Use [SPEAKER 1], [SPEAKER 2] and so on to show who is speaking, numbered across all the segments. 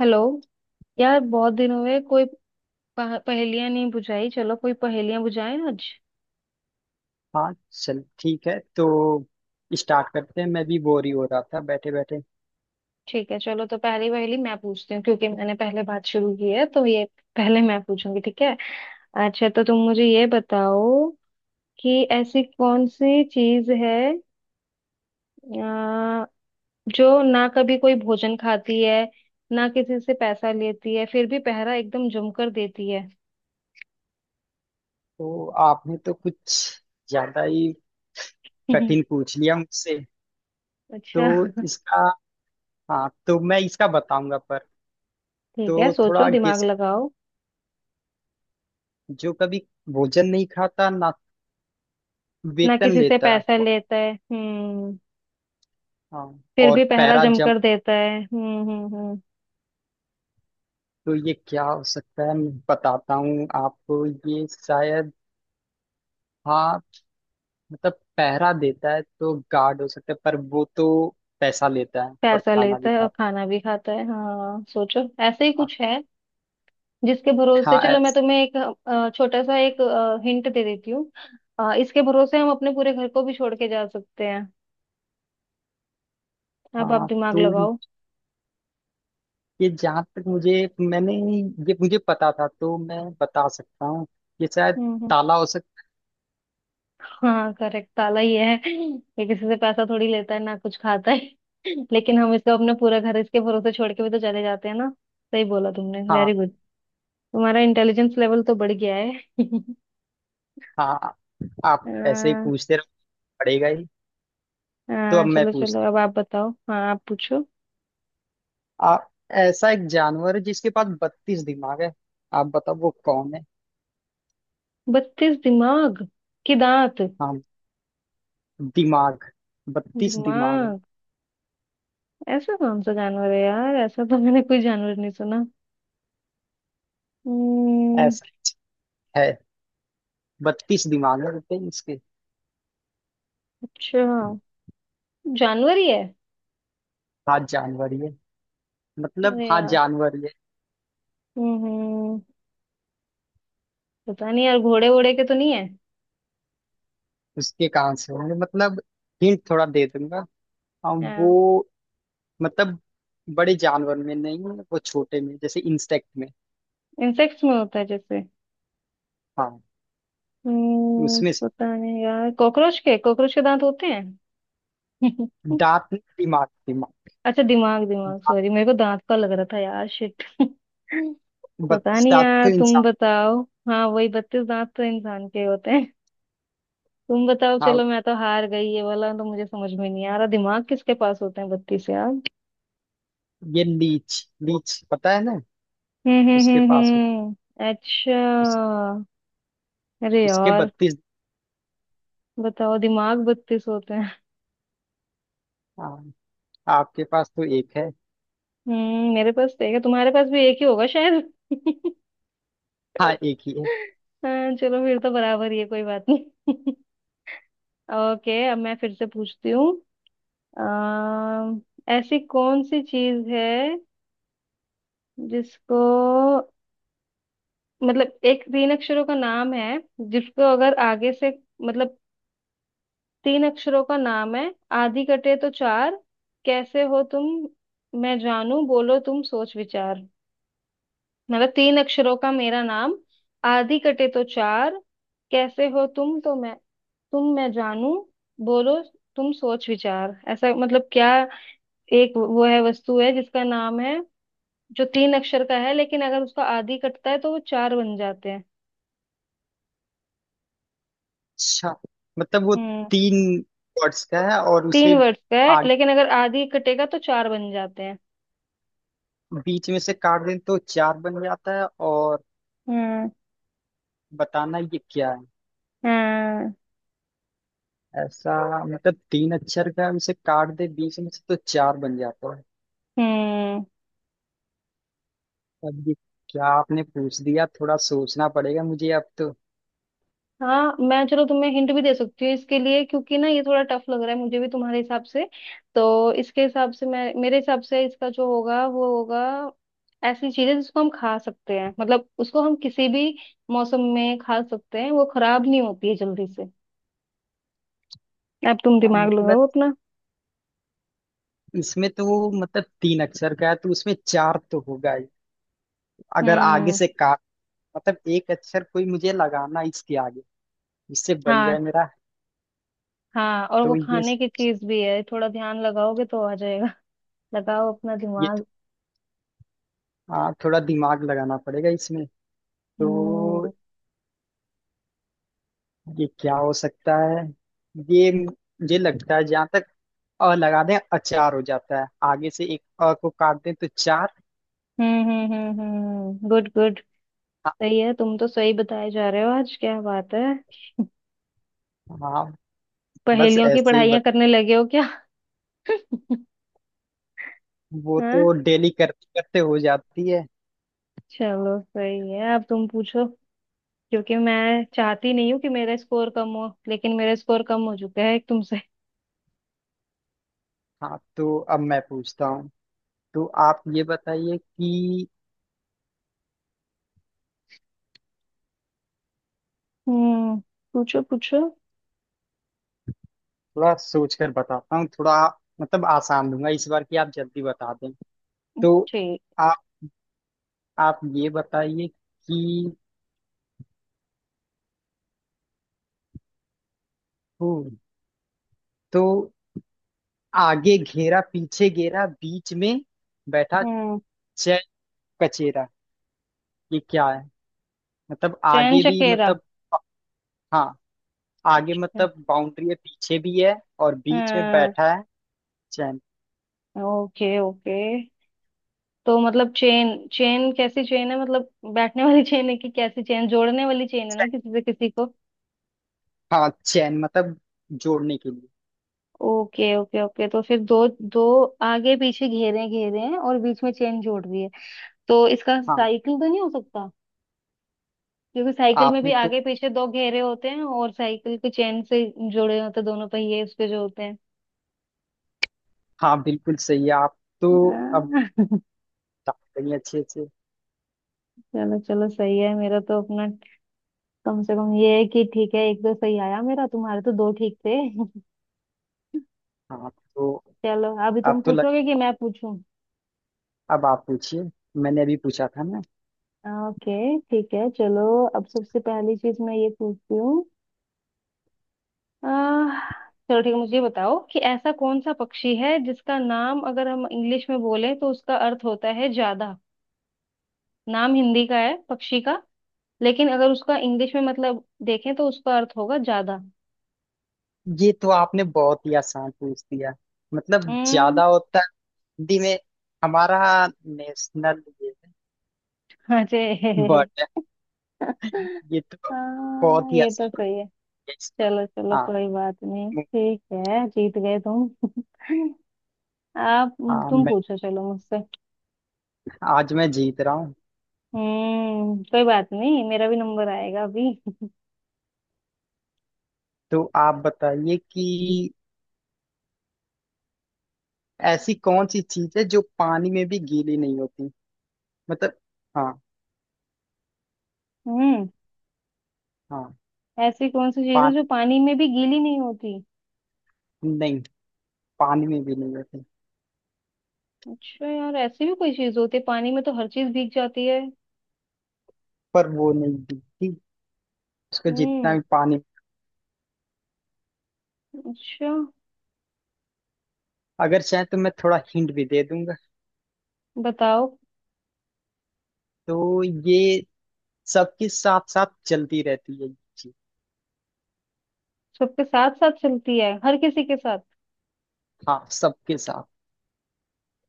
[SPEAKER 1] Hello यार, बहुत दिन हुए कोई पहेलियां नहीं बुझाई। चलो कोई पहेलियां बुझाएं आज।
[SPEAKER 2] हाँ, चल ठीक है तो स्टार्ट करते हैं। मैं भी बोर ही हो रहा था बैठे बैठे।
[SPEAKER 1] ठीक है, चलो। तो पहली पहेली मैं पूछती हूँ, क्योंकि मैंने पहले बात शुरू की है तो ये पहले मैं पूछूंगी, ठीक है। अच्छा तो तुम मुझे ये बताओ कि ऐसी कौन सी चीज है अ, जो ना कभी कोई भोजन खाती है, ना किसी से पैसा लेती है, फिर भी पहरा एकदम जमकर देती है।
[SPEAKER 2] तो आपने तो कुछ ज्यादा ही कठिन पूछ लिया मुझसे।
[SPEAKER 1] अच्छा,
[SPEAKER 2] तो इसका हाँ, तो मैं इसका बताऊंगा पर।
[SPEAKER 1] ठीक है,
[SPEAKER 2] तो
[SPEAKER 1] सोचो,
[SPEAKER 2] थोड़ा
[SPEAKER 1] दिमाग
[SPEAKER 2] गेस।
[SPEAKER 1] लगाओ।
[SPEAKER 2] जो कभी भोजन नहीं खाता ना
[SPEAKER 1] ना
[SPEAKER 2] वेतन
[SPEAKER 1] किसी से
[SPEAKER 2] लेता।
[SPEAKER 1] पैसा लेता है, हम्म।
[SPEAKER 2] हाँ।
[SPEAKER 1] फिर
[SPEAKER 2] और
[SPEAKER 1] भी पहरा
[SPEAKER 2] पैरा जंप।
[SPEAKER 1] जमकर देता है, हम्म।
[SPEAKER 2] तो ये क्या हो सकता है, मैं बताता हूँ आपको। ये शायद। हाँ, मतलब पहरा देता है तो गार्ड हो सकता है पर वो तो पैसा लेता है और
[SPEAKER 1] पैसा
[SPEAKER 2] खाना भी
[SPEAKER 1] लेता है और
[SPEAKER 2] खाता
[SPEAKER 1] खाना भी खाता है, हाँ, सोचो, ऐसे ही
[SPEAKER 2] है।
[SPEAKER 1] कुछ है जिसके भरोसे।
[SPEAKER 2] हाँ,
[SPEAKER 1] चलो मैं तुम्हें एक छोटा सा एक हिंट दे देती हूँ। इसके भरोसे हम अपने पूरे घर को भी छोड़ के जा सकते हैं। अब आप
[SPEAKER 2] हाँ,
[SPEAKER 1] दिमाग
[SPEAKER 2] तो
[SPEAKER 1] लगाओ।
[SPEAKER 2] ये जहाँ तक मुझे मैंने ये मुझे पता था तो मैं बता सकता हूँ। ये शायद
[SPEAKER 1] हम्म हम्म।
[SPEAKER 2] ताला हो सकता।
[SPEAKER 1] हाँ करेक्ट, ताला ही है ये। किसी से पैसा थोड़ी लेता है, ना कुछ खाता है, लेकिन हम इसको अपना पूरा घर इसके भरोसे छोड़ के भी तो चले जाते हैं ना। सही बोला तुमने, वेरी
[SPEAKER 2] हाँ,
[SPEAKER 1] गुड। तुम्हारा इंटेलिजेंस लेवल तो बढ़ गया है।
[SPEAKER 2] हाँ, आप ऐसे ही
[SPEAKER 1] अ,
[SPEAKER 2] पूछते रहो पड़ेगा ही। तो
[SPEAKER 1] हाँ
[SPEAKER 2] अब मैं
[SPEAKER 1] चलो चलो,
[SPEAKER 2] पूछता
[SPEAKER 1] अब आप बताओ, हाँ आप पूछो।
[SPEAKER 2] हूँ। आप, ऐसा एक जानवर है जिसके पास 32 दिमाग है। आप बताओ वो कौन है।
[SPEAKER 1] बत्तीस दिमाग? के दांत?
[SPEAKER 2] हाँ। दिमाग। 32 दिमाग है।
[SPEAKER 1] दिमाग? ऐसा कौन सा जानवर है यार, ऐसा तो मैंने कोई जानवर नहीं सुना। हम्म।
[SPEAKER 2] ऐसा है। 32 दिमाग है। बताइए इसके।
[SPEAKER 1] अच्छा, जानवर ही है?
[SPEAKER 2] हाँ, जानवर ये मतलब।
[SPEAKER 1] अरे
[SPEAKER 2] हाँ,
[SPEAKER 1] यार।
[SPEAKER 2] जानवर ये।
[SPEAKER 1] हम्म हम्म। पता नहीं यार, घोड़े वोड़े के तो नहीं है?
[SPEAKER 2] उसके कहाँ से होंगे मतलब। हिंट थोड़ा दे दूंगा। हाँ,
[SPEAKER 1] हाँ,
[SPEAKER 2] वो मतलब बड़े जानवर में नहीं है, वो छोटे में, जैसे इंसेक्ट में।
[SPEAKER 1] इंसेक्ट्स में होता है जैसे?
[SPEAKER 2] हाँ,
[SPEAKER 1] हम्म,
[SPEAKER 2] उसमें से-
[SPEAKER 1] पता नहीं यार, कॉकरोच के, कॉकरोच के दांत होते हैं।
[SPEAKER 2] दांत नहीं, दिमाग दिमाग।
[SPEAKER 1] अच्छा दिमाग दिमाग,
[SPEAKER 2] दांत-
[SPEAKER 1] सॉरी, मेरे को दांत का लग रहा था यार, शिट। पता
[SPEAKER 2] 32
[SPEAKER 1] नहीं
[SPEAKER 2] दांत तो
[SPEAKER 1] यार, तुम
[SPEAKER 2] इंसान।
[SPEAKER 1] बताओ। हाँ, वही, बत्तीस दांत तो इंसान के होते हैं। तुम बताओ,
[SPEAKER 2] हाँ,
[SPEAKER 1] चलो मैं तो हार गई, ये वाला तो मुझे समझ में नहीं आ रहा, दिमाग किसके पास होते हैं बत्तीस यार।
[SPEAKER 2] ये लीच लीच पता है ना। उसके पास।
[SPEAKER 1] हम्म। अच्छा।
[SPEAKER 2] उस,
[SPEAKER 1] अरे
[SPEAKER 2] उसके
[SPEAKER 1] यार,
[SPEAKER 2] 32।
[SPEAKER 1] बताओ, दिमाग बत्तीस होते हैं?
[SPEAKER 2] हाँ, आपके पास तो एक है।
[SPEAKER 1] हम्म, मेरे पास तो एक है, तुम्हारे पास भी एक ही होगा शायद।
[SPEAKER 2] हाँ, एक ही है।
[SPEAKER 1] हाँ चलो, फिर तो बराबर ही है, कोई बात नहीं। ओके, अब मैं फिर से पूछती हूँ। अम, ऐसी कौन सी चीज है जिसको, मतलब एक तीन अक्षरों का नाम है जिसको अगर आगे से, मतलब तीन अक्षरों का नाम है, आधी कटे तो चार, कैसे हो तुम मैं जानू, बोलो तुम सोच विचार। मतलब तीन अक्षरों का मेरा नाम, आधी कटे तो चार, कैसे हो तुम, तो मैं तुम मैं जानू, बोलो तुम सोच विचार। ऐसा मतलब क्या, एक वो है, वस्तु है जिसका नाम है जो तीन अक्षर का है, लेकिन अगर उसका आधी कटता है तो वो चार बन जाते हैं।
[SPEAKER 2] अच्छा, मतलब वो
[SPEAKER 1] हम्म।
[SPEAKER 2] तीन वर्ड्स का है और
[SPEAKER 1] तीन
[SPEAKER 2] उसे
[SPEAKER 1] वर्ड्स का है,
[SPEAKER 2] आगे
[SPEAKER 1] लेकिन अगर आधी कटेगा तो चार बन जाते हैं।
[SPEAKER 2] बीच में से काट दें तो चार बन जाता है। और
[SPEAKER 1] हम्म
[SPEAKER 2] बताना ये क्या है।
[SPEAKER 1] हम्म
[SPEAKER 2] ऐसा मतलब तीन अक्षर का, उसे काट दे बीच में से तो चार बन जाता है।
[SPEAKER 1] हम्म।
[SPEAKER 2] अब ये क्या आपने पूछ दिया, थोड़ा सोचना पड़ेगा मुझे अब तो।
[SPEAKER 1] हाँ, मैं, चलो तुम्हें हिंट भी दे सकती हूँ इसके लिए, क्योंकि ना ये थोड़ा टफ लग रहा है मुझे भी तुम्हारे हिसाब से। तो इसके हिसाब से मैं, मेरे हिसाब से इसका जो होगा वो होगा, ऐसी चीज है जिसको हम खा सकते हैं, मतलब उसको हम किसी भी मौसम में खा सकते हैं, वो खराब नहीं होती है जल्दी से। अब तुम
[SPEAKER 2] हाँ,
[SPEAKER 1] दिमाग
[SPEAKER 2] मतलब
[SPEAKER 1] लगाओ अपना।
[SPEAKER 2] इसमें तो वो मतलब तीन अक्षर का है तो उसमें चार तो होगा ही। अगर आगे
[SPEAKER 1] हम्म।
[SPEAKER 2] से काट मतलब एक अक्षर कोई मुझे लगाना है इसके आगे, इससे बन जाए
[SPEAKER 1] हाँ,
[SPEAKER 2] मेरा।
[SPEAKER 1] हाँ, और वो
[SPEAKER 2] तो ये
[SPEAKER 1] खाने की चीज भी है, थोड़ा ध्यान लगाओगे तो आ जाएगा। लगाओ अपना
[SPEAKER 2] ये
[SPEAKER 1] दिमाग।
[SPEAKER 2] हाँ, थोड़ा दिमाग लगाना पड़ेगा इसमें। तो
[SPEAKER 1] हम्म
[SPEAKER 2] ये क्या हो सकता है ये, मुझे लगता है जहां तक अ लगा दें अचार हो जाता है, आगे से एक अ को काट दें तो चार।
[SPEAKER 1] हम्म, गुड गुड,
[SPEAKER 2] हाँ,
[SPEAKER 1] सही है। तुम तो सही बताए जा रहे हो, आज क्या बात है,
[SPEAKER 2] हाँ, बस
[SPEAKER 1] पहेलियों की
[SPEAKER 2] ऐसे ही
[SPEAKER 1] पढ़ाइयाँ करने लगे हो क्या?
[SPEAKER 2] वो
[SPEAKER 1] हाँ
[SPEAKER 2] तो डेली करते करते हो जाती है।
[SPEAKER 1] चलो, सही है, अब तुम पूछो, क्योंकि मैं चाहती नहीं हूँ कि मेरा स्कोर कम हो, लेकिन मेरा स्कोर कम हो चुका है एक तुमसे।
[SPEAKER 2] हाँ, तो अब मैं पूछता हूँ। तो आप ये बताइए कि
[SPEAKER 1] हम्म, पूछो पूछो।
[SPEAKER 2] थोड़ा सोच कर बताता हूँ थोड़ा, मतलब आसान दूंगा इस बार की आप जल्दी बता दें। तो
[SPEAKER 1] ठीक।
[SPEAKER 2] आप आप ये बताइए कि हम्म, तो आगे घेरा पीछे घेरा बीच में बैठा
[SPEAKER 1] हम्म।
[SPEAKER 2] चैन कचेरा, ये क्या है मतलब।
[SPEAKER 1] चैन
[SPEAKER 2] आगे भी
[SPEAKER 1] चकेरा।
[SPEAKER 2] मतलब। हाँ, आगे
[SPEAKER 1] अच्छा।
[SPEAKER 2] मतलब बाउंड्री है पीछे भी है, और बीच में
[SPEAKER 1] हाँ।
[SPEAKER 2] बैठा है चैन।
[SPEAKER 1] ओके ओके, तो मतलब चेन, चेन कैसी चेन है मतलब, बैठने वाली चेन है कि कैसी चेन, जोड़ने वाली चेन है ना,
[SPEAKER 2] चैन।
[SPEAKER 1] किसी से किसी को।
[SPEAKER 2] हाँ, चैन मतलब जोड़ने के लिए।
[SPEAKER 1] ओके ओके ओके, तो फिर दो दो, आगे पीछे घेरे घेरे हैं और बीच में चेन जोड़ रही है, तो इसका
[SPEAKER 2] हाँ,
[SPEAKER 1] साइकिल तो नहीं हो सकता? क्योंकि साइकिल में भी
[SPEAKER 2] आपने तो
[SPEAKER 1] आगे पीछे दो घेरे होते हैं और साइकिल की चेन से जुड़े होते हैं दोनों पहिए उसके जो होते हैं।
[SPEAKER 2] हाँ, बिल्कुल सही है आप तो। अब
[SPEAKER 1] आह,
[SPEAKER 2] बता रही हैं अच्छे से।
[SPEAKER 1] चलो चलो, सही है, मेरा तो अपना कम से कम ये है कि ठीक है, एक तो सही आया मेरा, तुम्हारे तो दो ठीक थे।
[SPEAKER 2] हाँ, तो
[SPEAKER 1] चलो, अभी तुम
[SPEAKER 2] अब तो लग
[SPEAKER 1] पूछोगे कि मैं पूछूं?
[SPEAKER 2] अब आप पूछिए। मैंने अभी पूछा था ना।
[SPEAKER 1] ओके ठीक है, चलो, अब सबसे पहली चीज मैं ये पूछती हूँ। आह, चलो ठीक है, मुझे ये बताओ कि ऐसा कौन सा पक्षी है जिसका नाम अगर हम इंग्लिश में बोले तो उसका अर्थ होता है ज्यादा। नाम हिंदी का है पक्षी का, लेकिन अगर उसका इंग्लिश में मतलब देखें तो उसका अर्थ होगा ज्यादा।
[SPEAKER 2] ये तो आपने बहुत ही आसान पूछ दिया। मतलब
[SPEAKER 1] हम्म।
[SPEAKER 2] ज्यादा होता है हिंदी में। हमारा नेशनल ये है
[SPEAKER 1] हाँ जे।
[SPEAKER 2] बट ये तो
[SPEAKER 1] हाँ
[SPEAKER 2] बहुत ही
[SPEAKER 1] ये तो
[SPEAKER 2] आसान हो
[SPEAKER 1] सही है।
[SPEAKER 2] गया
[SPEAKER 1] चलो
[SPEAKER 2] इसका।
[SPEAKER 1] चलो,
[SPEAKER 2] हाँ,
[SPEAKER 1] कोई बात नहीं,
[SPEAKER 2] मैं-
[SPEAKER 1] ठीक है, जीत गए तुम। आप,
[SPEAKER 2] हाँ,
[SPEAKER 1] तुम
[SPEAKER 2] मैं
[SPEAKER 1] पूछो, चलो मुझसे।
[SPEAKER 2] आज मैं जीत रहा हूँ।
[SPEAKER 1] हम्म, कोई बात नहीं, मेरा भी नंबर आएगा अभी।
[SPEAKER 2] तो आप बताइए कि ऐसी कौन सी चीज है जो पानी में भी गीली नहीं होती मतलब। हाँ,
[SPEAKER 1] हम्म।
[SPEAKER 2] हाँ,
[SPEAKER 1] ऐसी कौन सी चीज है
[SPEAKER 2] पानी
[SPEAKER 1] जो पानी में भी गीली नहीं होती?
[SPEAKER 2] नहीं, पानी में भी नहीं होती।
[SPEAKER 1] अच्छा यार, ऐसी भी कोई चीज होती है, पानी में तो हर चीज भीग जाती है।
[SPEAKER 2] पर वो नहीं भीगती, उसको जितना
[SPEAKER 1] हम्म।
[SPEAKER 2] भी पानी।
[SPEAKER 1] अच्छा,
[SPEAKER 2] अगर चाहे तो मैं थोड़ा हिंट भी दे दूंगा।
[SPEAKER 1] बताओ।
[SPEAKER 2] तो ये सबके साथ साथ चलती रहती है ये चीज।
[SPEAKER 1] सबके साथ साथ चलती है, हर किसी के साथ?
[SPEAKER 2] हाँ, सबके साथ।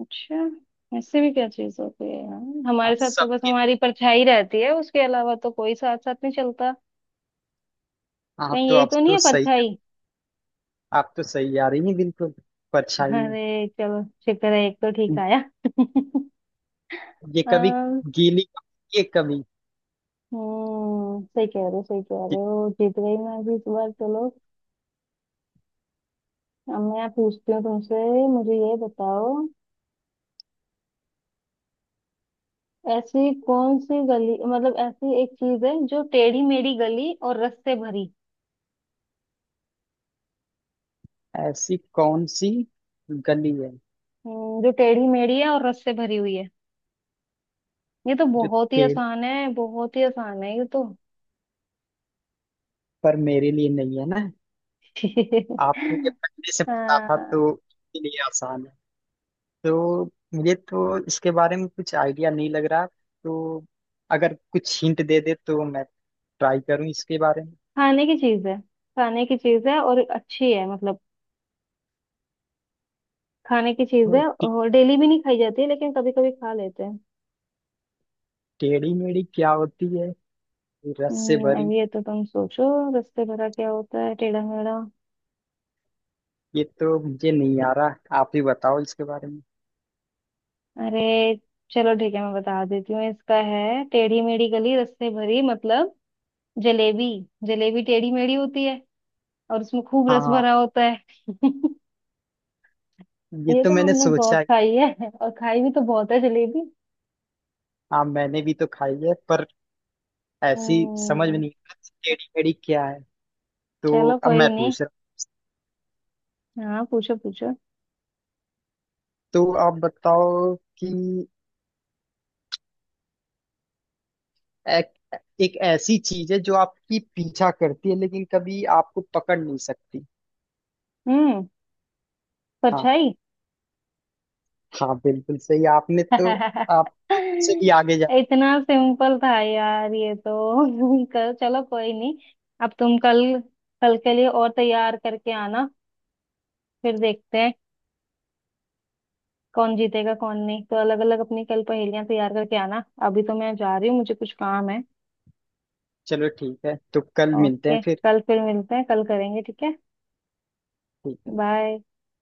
[SPEAKER 1] अच्छा। ऐसे भी क्या चीज होती है यार,
[SPEAKER 2] आप
[SPEAKER 1] हमारे साथ तो बस
[SPEAKER 2] सबके
[SPEAKER 1] हमारी परछाई रहती है, उसके अलावा तो कोई साथ साथ नहीं चलता।
[SPEAKER 2] आप
[SPEAKER 1] कहीं
[SPEAKER 2] तो
[SPEAKER 1] यही
[SPEAKER 2] आप
[SPEAKER 1] तो नहीं
[SPEAKER 2] तो
[SPEAKER 1] है,
[SPEAKER 2] सही
[SPEAKER 1] परछाई?
[SPEAKER 2] आप तो सही आ रही हैं बिल्कुल परछाई में।
[SPEAKER 1] अरे चलो, शुक्र है, एक तो ठीक आया।
[SPEAKER 2] ये कभी
[SPEAKER 1] अम,
[SPEAKER 2] गीली कभी- ये कभी
[SPEAKER 1] हम्म, सही कह रहे हो, सही कह रहे हो, जीत गई मैं भी इस बार, चलो। अब मैं पूछती हूँ तुमसे, मुझे ये बताओ, ऐसी कौन सी गली, मतलब ऐसी एक चीज है जो टेढ़ी मेढ़ी गली और रस से भरी।
[SPEAKER 2] ऐसी कौन सी गली है
[SPEAKER 1] जो टेढ़ी मेढ़ी है और रस से भरी हुई है। ये तो
[SPEAKER 2] जो
[SPEAKER 1] बहुत ही
[SPEAKER 2] तेरे
[SPEAKER 1] आसान है, बहुत ही आसान है ये तो।
[SPEAKER 2] पर मेरे लिए नहीं है ना। आपको ये पहले से पता था
[SPEAKER 1] हाँ,
[SPEAKER 2] तो इसके लिए आसान है। तो मुझे तो इसके बारे में कुछ आइडिया नहीं लग रहा, तो अगर कुछ हिंट दे दे तो मैं ट्राई करूं इसके बारे में।
[SPEAKER 1] खाने की चीज है, खाने की चीज है और अच्छी है, मतलब खाने की चीज
[SPEAKER 2] और
[SPEAKER 1] है और डेली भी नहीं खाई जाती है, लेकिन कभी कभी खा लेते हैं।
[SPEAKER 2] टेढ़ी मेढ़ी क्या होती है, रस से
[SPEAKER 1] अब
[SPEAKER 2] भरी।
[SPEAKER 1] ये तो तुम सोचो, रस्ते भरा क्या होता है टेढ़ा मेढ़ा।
[SPEAKER 2] ये तो मुझे नहीं आ रहा, आप ही बताओ इसके बारे में।
[SPEAKER 1] अरे चलो ठीक है, मैं बता देती हूँ इसका, है टेढ़ी मेढ़ी गली रस्ते भरी मतलब जलेबी, जलेबी टेढ़ी मेढ़ी होती है और उसमें खूब रस
[SPEAKER 2] हाँ,
[SPEAKER 1] भरा होता है।
[SPEAKER 2] ये
[SPEAKER 1] ये
[SPEAKER 2] तो
[SPEAKER 1] तो
[SPEAKER 2] मैंने
[SPEAKER 1] हमने
[SPEAKER 2] सोचा
[SPEAKER 1] बहुत
[SPEAKER 2] है।
[SPEAKER 1] खाई है, और खाई भी तो बहुत है जलेबी।
[SPEAKER 2] हाँ, मैंने भी तो खाई है पर ऐसी समझ में
[SPEAKER 1] हम्म।
[SPEAKER 2] नहीं आ रहा कि टेढ़ी मेढ़ी क्या है। तो
[SPEAKER 1] चलो
[SPEAKER 2] अब
[SPEAKER 1] कोई
[SPEAKER 2] मैं
[SPEAKER 1] नहीं,
[SPEAKER 2] पूछ रहा हूँ।
[SPEAKER 1] हाँ पूछो पूछो।
[SPEAKER 2] तो आप बताओ कि एक, एक ऐसी चीज है जो आपकी पीछा करती है लेकिन कभी आपको पकड़ नहीं सकती।
[SPEAKER 1] हम्म।
[SPEAKER 2] हाँ,
[SPEAKER 1] परछाई।
[SPEAKER 2] हाँ, बिल्कुल सही आपने तो। आप तो मुझसे भी आगे जा।
[SPEAKER 1] इतना सिंपल था यार ये तो। चलो कोई नहीं, अब तुम कल, कल के लिए और तैयार करके आना, फिर देखते हैं कौन जीतेगा कौन नहीं। तो अलग अलग अपनी कल पहेलियां तैयार करके आना, अभी तो मैं जा रही हूँ, मुझे कुछ काम है।
[SPEAKER 2] चलो ठीक है तो कल मिलते हैं
[SPEAKER 1] ओके,
[SPEAKER 2] फिर।
[SPEAKER 1] कल फिर मिलते हैं, कल करेंगे, ठीक है।
[SPEAKER 2] ठीक है।
[SPEAKER 1] बाय।